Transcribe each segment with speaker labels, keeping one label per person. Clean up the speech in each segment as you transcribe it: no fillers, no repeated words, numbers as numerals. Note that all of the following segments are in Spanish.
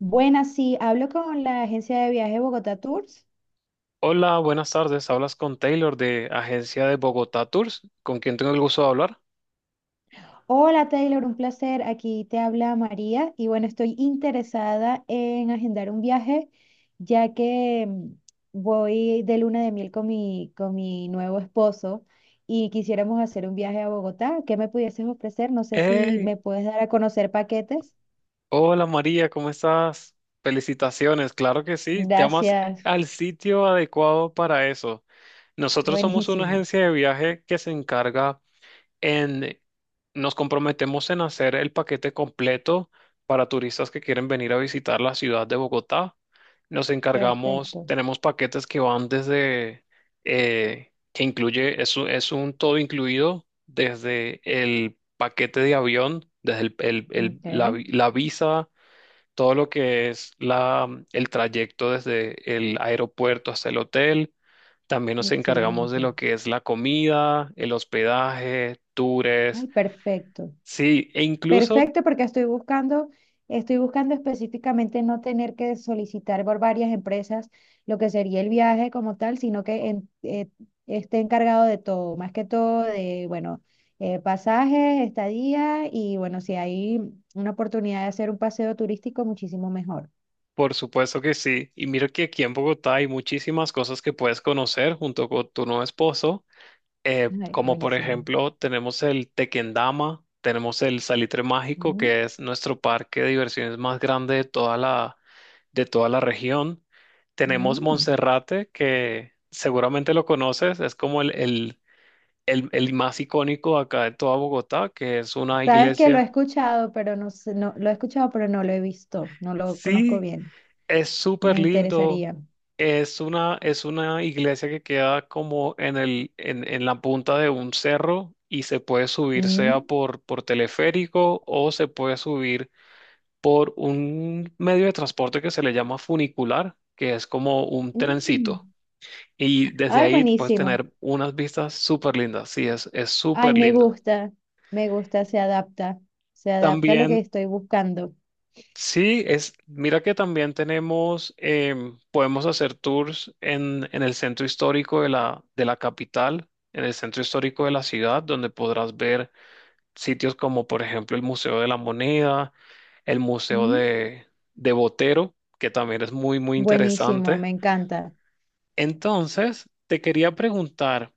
Speaker 1: Buenas, sí, hablo con la agencia de viaje Bogotá Tours.
Speaker 2: Hola, buenas tardes. Hablas con Taylor de Agencia de Bogotá Tours, ¿con quien tengo el gusto de hablar?
Speaker 1: Hola Taylor, un placer. Aquí te habla María y bueno, estoy interesada en agendar un viaje ya que voy de luna de miel con mi nuevo esposo y quisiéramos hacer un viaje a Bogotá. ¿Qué me pudieses ofrecer? No sé si
Speaker 2: Hey,
Speaker 1: me puedes dar a conocer paquetes.
Speaker 2: hola María, ¿cómo estás? Felicitaciones, claro que sí, llamas
Speaker 1: Gracias.
Speaker 2: al sitio adecuado para eso. Nosotros somos una
Speaker 1: Buenísimo.
Speaker 2: agencia de viaje que se encarga en, nos comprometemos en hacer el paquete completo para turistas que quieren venir a visitar la ciudad de Bogotá. Nos encargamos,
Speaker 1: Perfecto.
Speaker 2: tenemos paquetes que van desde, que incluye, es, es un todo incluido, desde el paquete de avión, desde el- el- el- la,
Speaker 1: Ok,
Speaker 2: vi- la visa, todo lo que es la, el trayecto desde el aeropuerto hasta el hotel. También nos encargamos de
Speaker 1: excelente.
Speaker 2: lo que es la comida, el hospedaje,
Speaker 1: Ay,
Speaker 2: tours.
Speaker 1: perfecto.
Speaker 2: Sí, e incluso,
Speaker 1: Perfecto, porque estoy buscando específicamente no tener que solicitar por varias empresas lo que sería el viaje como tal, sino que esté encargado de todo, más que todo de, bueno, pasajes, estadía y bueno, si hay una oportunidad de hacer un paseo turístico, muchísimo mejor.
Speaker 2: por supuesto que sí. Y mira que aquí en Bogotá hay muchísimas cosas que puedes conocer junto con tu nuevo esposo. Eh,
Speaker 1: Ay,
Speaker 2: como por
Speaker 1: buenísimo.
Speaker 2: ejemplo, tenemos el Tequendama, tenemos el Salitre Mágico,
Speaker 1: Mm,
Speaker 2: que es nuestro parque de diversiones más grande de toda de toda la región. Tenemos
Speaker 1: mm.
Speaker 2: Monserrate, que seguramente lo conoces, es como el más icónico acá de toda Bogotá, que es una
Speaker 1: Sabes que lo he
Speaker 2: iglesia.
Speaker 1: escuchado, pero no sé, no, lo he escuchado, pero no lo he visto, no lo conozco
Speaker 2: Sí,
Speaker 1: bien.
Speaker 2: es
Speaker 1: Me
Speaker 2: súper lindo.
Speaker 1: interesaría.
Speaker 2: Es una iglesia que queda como en en la punta de un cerro y se puede subir sea
Speaker 1: Mm,
Speaker 2: por teleférico, o se puede subir por un medio de transporte que se le llama funicular, que es como un
Speaker 1: mm.
Speaker 2: trencito. Y desde
Speaker 1: Ay,
Speaker 2: ahí puedes
Speaker 1: buenísimo.
Speaker 2: tener unas vistas súper lindas. Sí, es
Speaker 1: Ay,
Speaker 2: súper lindo.
Speaker 1: me gusta, se adapta a lo
Speaker 2: También
Speaker 1: que estoy buscando.
Speaker 2: sí, es, mira que también tenemos, podemos hacer tours en el centro histórico de la capital, en el centro histórico de la ciudad, donde podrás ver sitios como, por ejemplo, el Museo de la Moneda, el Museo
Speaker 1: Mm.
Speaker 2: de Botero, que también es muy, muy
Speaker 1: Buenísimo,
Speaker 2: interesante.
Speaker 1: me encanta.
Speaker 2: Entonces, te quería preguntar,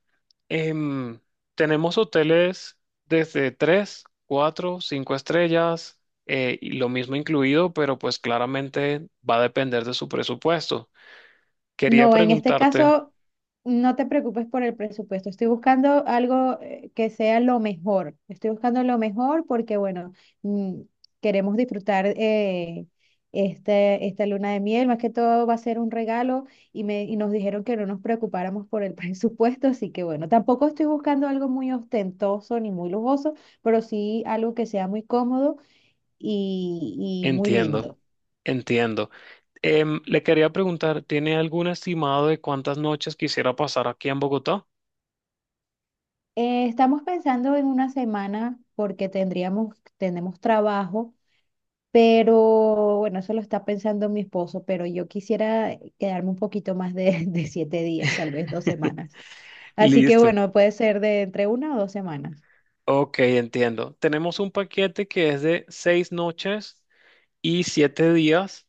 Speaker 2: em, tenemos hoteles desde 3, 4, 5 estrellas, y lo mismo incluido, pero pues claramente va a depender de su presupuesto. Quería
Speaker 1: No, en este
Speaker 2: preguntarte,
Speaker 1: caso, no te preocupes por el presupuesto. Estoy buscando algo que sea lo mejor. Estoy buscando lo mejor porque, bueno, mm, queremos disfrutar esta luna de miel. Más que todo va a ser un regalo y nos dijeron que no nos preocupáramos por el presupuesto. Así que, bueno, tampoco estoy buscando algo muy ostentoso ni muy lujoso, pero sí algo que sea muy cómodo y muy
Speaker 2: entiendo,
Speaker 1: lindo.
Speaker 2: entiendo. Le quería preguntar, ¿tiene algún estimado de cuántas noches quisiera pasar aquí en Bogotá?
Speaker 1: Estamos pensando en una semana porque tenemos trabajo, pero bueno, eso lo está pensando mi esposo, pero yo quisiera quedarme un poquito más de 7 días, tal vez 2 semanas. Así que
Speaker 2: Listo.
Speaker 1: bueno, puede ser de entre una o 2 semanas.
Speaker 2: Ok, entiendo. Tenemos un paquete que es de 6 noches y 7 días.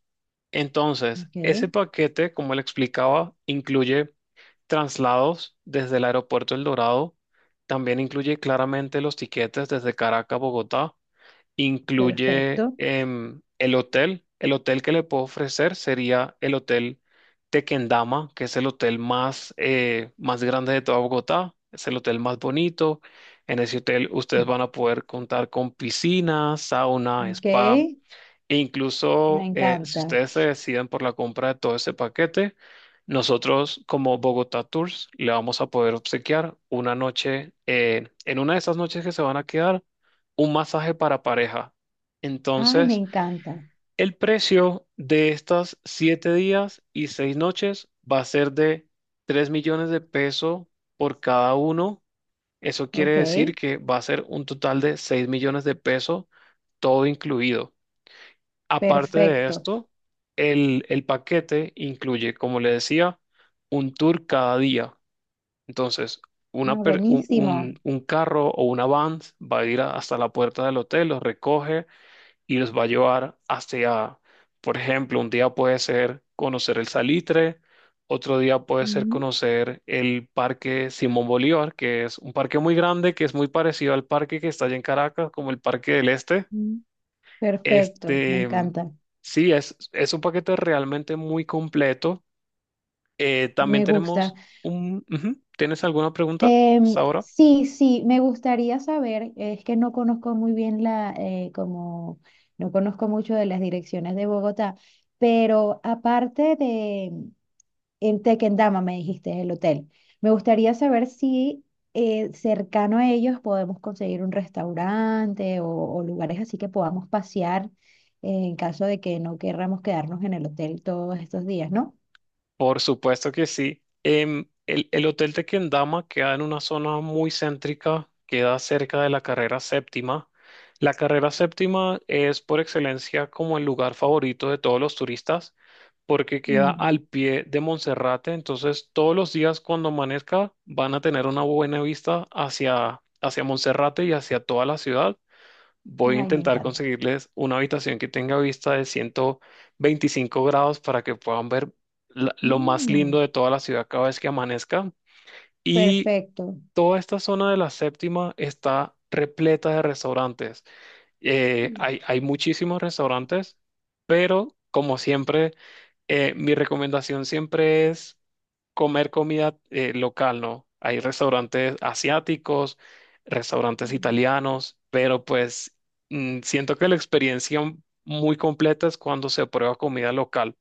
Speaker 2: Entonces, ese
Speaker 1: Ok,
Speaker 2: paquete, como le explicaba, incluye traslados desde el aeropuerto El Dorado, también incluye claramente los tiquetes desde Caracas a Bogotá, incluye
Speaker 1: perfecto.
Speaker 2: el hotel. El hotel que le puedo ofrecer sería el hotel Tequendama, que es el hotel más, más grande de toda Bogotá, es el hotel más bonito. En ese hotel ustedes van a poder contar con piscina, sauna,
Speaker 1: Ok,
Speaker 2: spa, e
Speaker 1: me
Speaker 2: incluso si
Speaker 1: encanta.
Speaker 2: ustedes se deciden por la compra de todo ese paquete, nosotros como Bogotá Tours le vamos a poder obsequiar una noche, en una de esas noches que se van a quedar, un masaje para pareja.
Speaker 1: Ay, me
Speaker 2: Entonces,
Speaker 1: encanta.
Speaker 2: el precio de estas 7 días y 6 noches va a ser de $3.000.000 por cada uno. Eso quiere
Speaker 1: Ok,
Speaker 2: decir que va a ser un total de $6.000.000, todo incluido. Aparte de
Speaker 1: perfecto.
Speaker 2: esto, el paquete incluye, como le decía, un tour cada día. Entonces,
Speaker 1: Ah,
Speaker 2: una per-
Speaker 1: buenísimo.
Speaker 2: un carro o una van va a ir hasta la puerta del hotel, los recoge y los va a llevar hacia, por ejemplo, un día puede ser conocer el Salitre, otro día puede ser
Speaker 1: Ujú,
Speaker 2: conocer el Parque Simón Bolívar, que es un parque muy grande, que es muy parecido al parque que está allá en Caracas, como el Parque del Este.
Speaker 1: ujú. Perfecto, me
Speaker 2: Este,
Speaker 1: encanta.
Speaker 2: sí, es un paquete realmente muy completo. También
Speaker 1: Me gusta.
Speaker 2: tenemos un... ujú. ¿Tienes alguna pregunta, Saura?
Speaker 1: Sí, sí, me gustaría saber, es que no conozco muy bien como, no conozco mucho de las direcciones de Bogotá, pero aparte de en Tequendama, me dijiste, el hotel, me gustaría saber si cercano a ellos podemos conseguir un restaurante o lugares así que podamos pasear en caso de que no querramos quedarnos en el hotel todos estos días, ¿no?
Speaker 2: Por supuesto que sí. El hotel de queda en una zona muy céntrica, queda cerca de la carrera séptima. La carrera séptima es por excelencia como el lugar favorito de todos los turistas, porque queda
Speaker 1: Mm.
Speaker 2: al pie de Monserrate. Entonces todos los días cuando amanezca van a tener una buena vista hacia, hacia Monserrate y hacia toda la ciudad. Voy a
Speaker 1: Ay, me
Speaker 2: intentar
Speaker 1: encanta.
Speaker 2: conseguirles una habitación que tenga vista de 125 grados para que puedan ver lo más lindo
Speaker 1: Mm,
Speaker 2: de toda la ciudad cada vez que amanezca. Y
Speaker 1: perfecto.
Speaker 2: toda esta zona de la séptima está repleta de restaurantes.
Speaker 1: Mm.
Speaker 2: Hay, hay muchísimos restaurantes, pero como siempre mi recomendación siempre es comer comida local, ¿no? Hay restaurantes asiáticos, restaurantes italianos, pero pues siento que la experiencia muy completa es cuando se prueba comida local.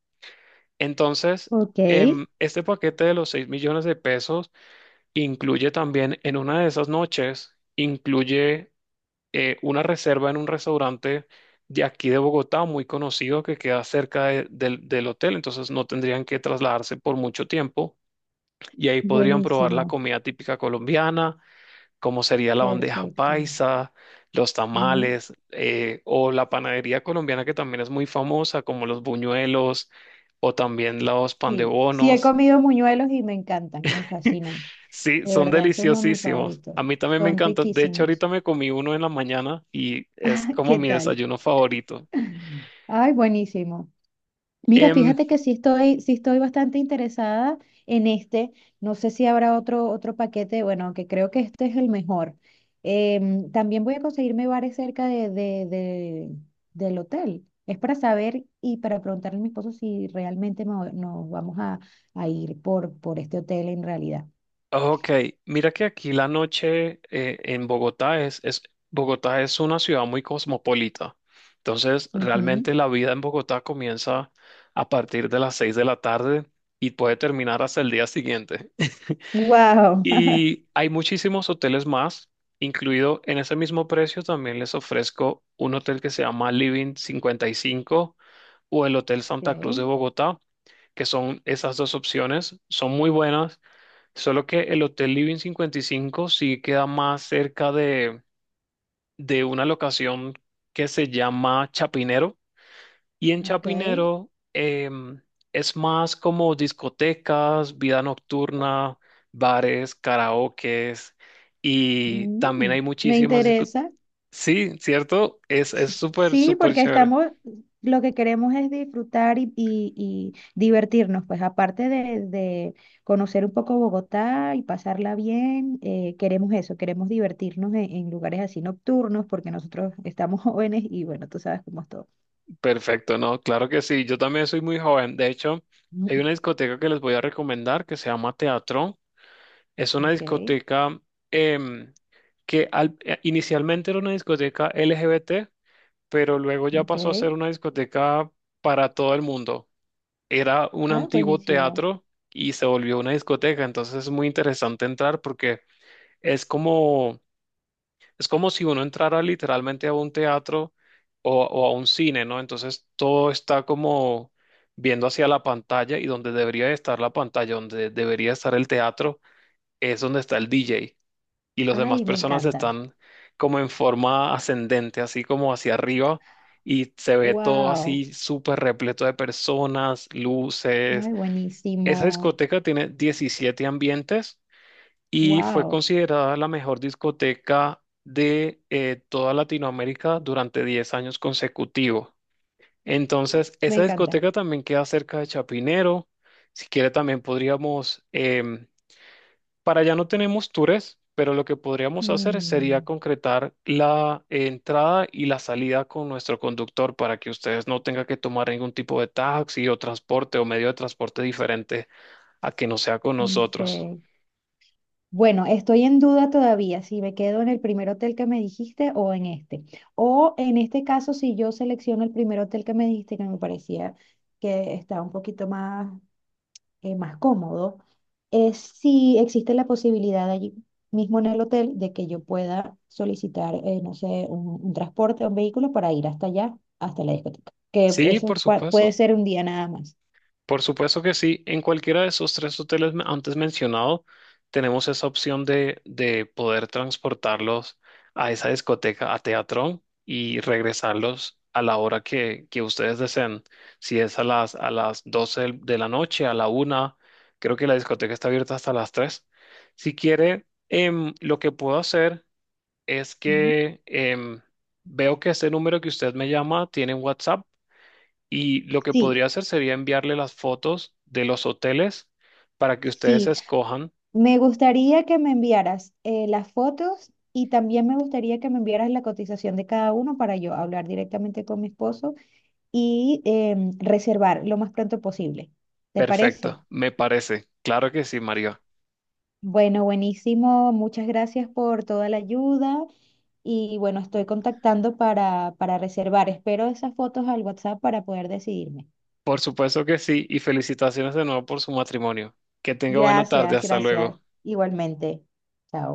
Speaker 2: Entonces,
Speaker 1: Ok,
Speaker 2: este paquete de los $6.000.000 incluye también en una de esas noches, incluye una reserva en un restaurante de aquí de Bogotá, muy conocido, que queda cerca del hotel, entonces no tendrían que trasladarse por mucho tiempo y ahí podrían probar la
Speaker 1: buenísimo,
Speaker 2: comida típica colombiana, como sería la bandeja
Speaker 1: perfecto.
Speaker 2: paisa, los
Speaker 1: Mm.
Speaker 2: tamales, o la panadería colombiana que también es muy famosa, como los buñuelos o también los pan de
Speaker 1: Sí, sí he
Speaker 2: bonos.
Speaker 1: comido muñuelos y me encantan, me fascinan.
Speaker 2: Sí,
Speaker 1: De
Speaker 2: son
Speaker 1: verdad, son uno de mis
Speaker 2: deliciosísimos.
Speaker 1: favoritos.
Speaker 2: A mí también me
Speaker 1: Son
Speaker 2: encantan. De hecho,
Speaker 1: riquísimos.
Speaker 2: ahorita me comí uno en la mañana y es
Speaker 1: Ah,
Speaker 2: como
Speaker 1: ¿qué
Speaker 2: mi
Speaker 1: tal?
Speaker 2: desayuno favorito.
Speaker 1: Ay, buenísimo. Mira,
Speaker 2: Em,
Speaker 1: fíjate que sí estoy bastante interesada en este. No sé si habrá otro paquete, bueno, que creo que este es el mejor. También voy a conseguirme bares cerca de del hotel. Es para saber y para preguntarle a mi esposo si realmente nos vamos a ir por este hotel en realidad.
Speaker 2: ok, mira que aquí la noche en Bogotá es, Bogotá es una ciudad muy cosmopolita. Entonces, realmente la vida en Bogotá comienza a partir de las seis de la tarde y puede terminar hasta el día siguiente.
Speaker 1: Wow.
Speaker 2: Y hay muchísimos hoteles más, incluido en ese mismo precio también les ofrezco un hotel que se llama Living 55 o el Hotel Santa Cruz de
Speaker 1: Ok,
Speaker 2: Bogotá, que son esas dos opciones, son muy buenas, solo que el Hotel Living 55 sí queda más cerca de una locación que se llama Chapinero. Y en
Speaker 1: ok.
Speaker 2: Chapinero es más como discotecas, vida nocturna, bares, karaokes, y también
Speaker 1: Mm,
Speaker 2: hay
Speaker 1: me
Speaker 2: muchísimas discotecas.
Speaker 1: interesa.
Speaker 2: Sí, ¿cierto? Es
Speaker 1: S-
Speaker 2: súper,
Speaker 1: sí,
Speaker 2: súper
Speaker 1: porque
Speaker 2: chévere.
Speaker 1: estamos, lo que queremos es disfrutar y divertirnos, pues aparte de conocer un poco Bogotá y pasarla bien, queremos eso, queremos divertirnos en lugares así nocturnos, porque nosotros estamos jóvenes y bueno, tú sabes cómo es todo.
Speaker 2: Perfecto, ¿no? Claro que sí. Yo también soy muy joven. De hecho, hay
Speaker 1: Mm.
Speaker 2: una discoteca que les voy a recomendar que se llama Teatro. Es una
Speaker 1: Ok,
Speaker 2: discoteca em, que inicialmente era una discoteca LGBT, pero luego ya
Speaker 1: ok.
Speaker 2: pasó a ser una discoteca para todo el mundo. Era un
Speaker 1: Ah,
Speaker 2: antiguo
Speaker 1: buenísimo.
Speaker 2: teatro y se volvió una discoteca, entonces es muy interesante entrar porque es como, es como si uno entrara literalmente a un teatro o a un cine, ¿no? Entonces todo está como viendo hacia la pantalla, y donde debería estar la pantalla, donde debería estar el teatro, es donde está el DJ y las demás
Speaker 1: Ay, me
Speaker 2: personas
Speaker 1: encanta.
Speaker 2: están como en forma ascendente, así como hacia arriba, y se ve todo
Speaker 1: Wow.
Speaker 2: así súper repleto de personas, luces.
Speaker 1: Ay,
Speaker 2: Esa
Speaker 1: buenísimo.
Speaker 2: discoteca tiene 17 ambientes y fue
Speaker 1: Wow.
Speaker 2: considerada la mejor discoteca de toda Latinoamérica durante 10 años consecutivos. Entonces,
Speaker 1: Me
Speaker 2: esa
Speaker 1: encanta.
Speaker 2: discoteca también queda cerca de Chapinero. Si quiere, también podríamos para allá no tenemos tours, pero lo que podríamos hacer sería
Speaker 1: Mm,
Speaker 2: concretar la entrada y la salida con nuestro conductor para que ustedes no tengan que tomar ningún tipo de taxi o transporte o medio de transporte diferente a que no sea con
Speaker 1: ok.
Speaker 2: nosotros.
Speaker 1: Bueno, estoy en duda todavía si me quedo en el primer hotel que me dijiste o en este. O en este caso, si yo selecciono el primer hotel que me dijiste, que me parecía que está un poquito más, más cómodo, es si existe la posibilidad allí mismo en el hotel de que yo pueda solicitar, no sé, un transporte o un vehículo para ir hasta allá, hasta la discoteca. Que
Speaker 2: Sí,
Speaker 1: eso
Speaker 2: por supuesto.
Speaker 1: puede ser un día nada más.
Speaker 2: Por supuesto que sí. En cualquiera de esos tres hoteles antes mencionado, tenemos esa opción de poder transportarlos a esa discoteca, a Teatrón, y regresarlos a la hora que ustedes deseen. Si es a las 12 de la noche, a la una, creo que la discoteca está abierta hasta las 3. Si quiere, lo que puedo hacer es
Speaker 1: Ujú.
Speaker 2: que veo que ese número que usted me llama tiene WhatsApp. Y lo que
Speaker 1: Sí,
Speaker 2: podría hacer sería enviarle las fotos de los hoteles para que ustedes
Speaker 1: sí,
Speaker 2: escojan.
Speaker 1: me gustaría que me enviaras las fotos y también me gustaría que me enviaras la cotización de cada uno para yo hablar directamente con mi esposo y reservar lo más pronto posible. ¿Te parece?
Speaker 2: Perfecto, me parece. Claro que sí, María.
Speaker 1: Bueno, buenísimo. Muchas gracias por toda la ayuda y bueno, estoy contactando para reservar. Espero esas fotos al WhatsApp para poder decidirme.
Speaker 2: Por supuesto que sí, y felicitaciones de nuevo por su matrimonio. Que tenga buena tarde,
Speaker 1: Gracias,
Speaker 2: hasta
Speaker 1: gracias.
Speaker 2: luego.
Speaker 1: Igualmente. Chao.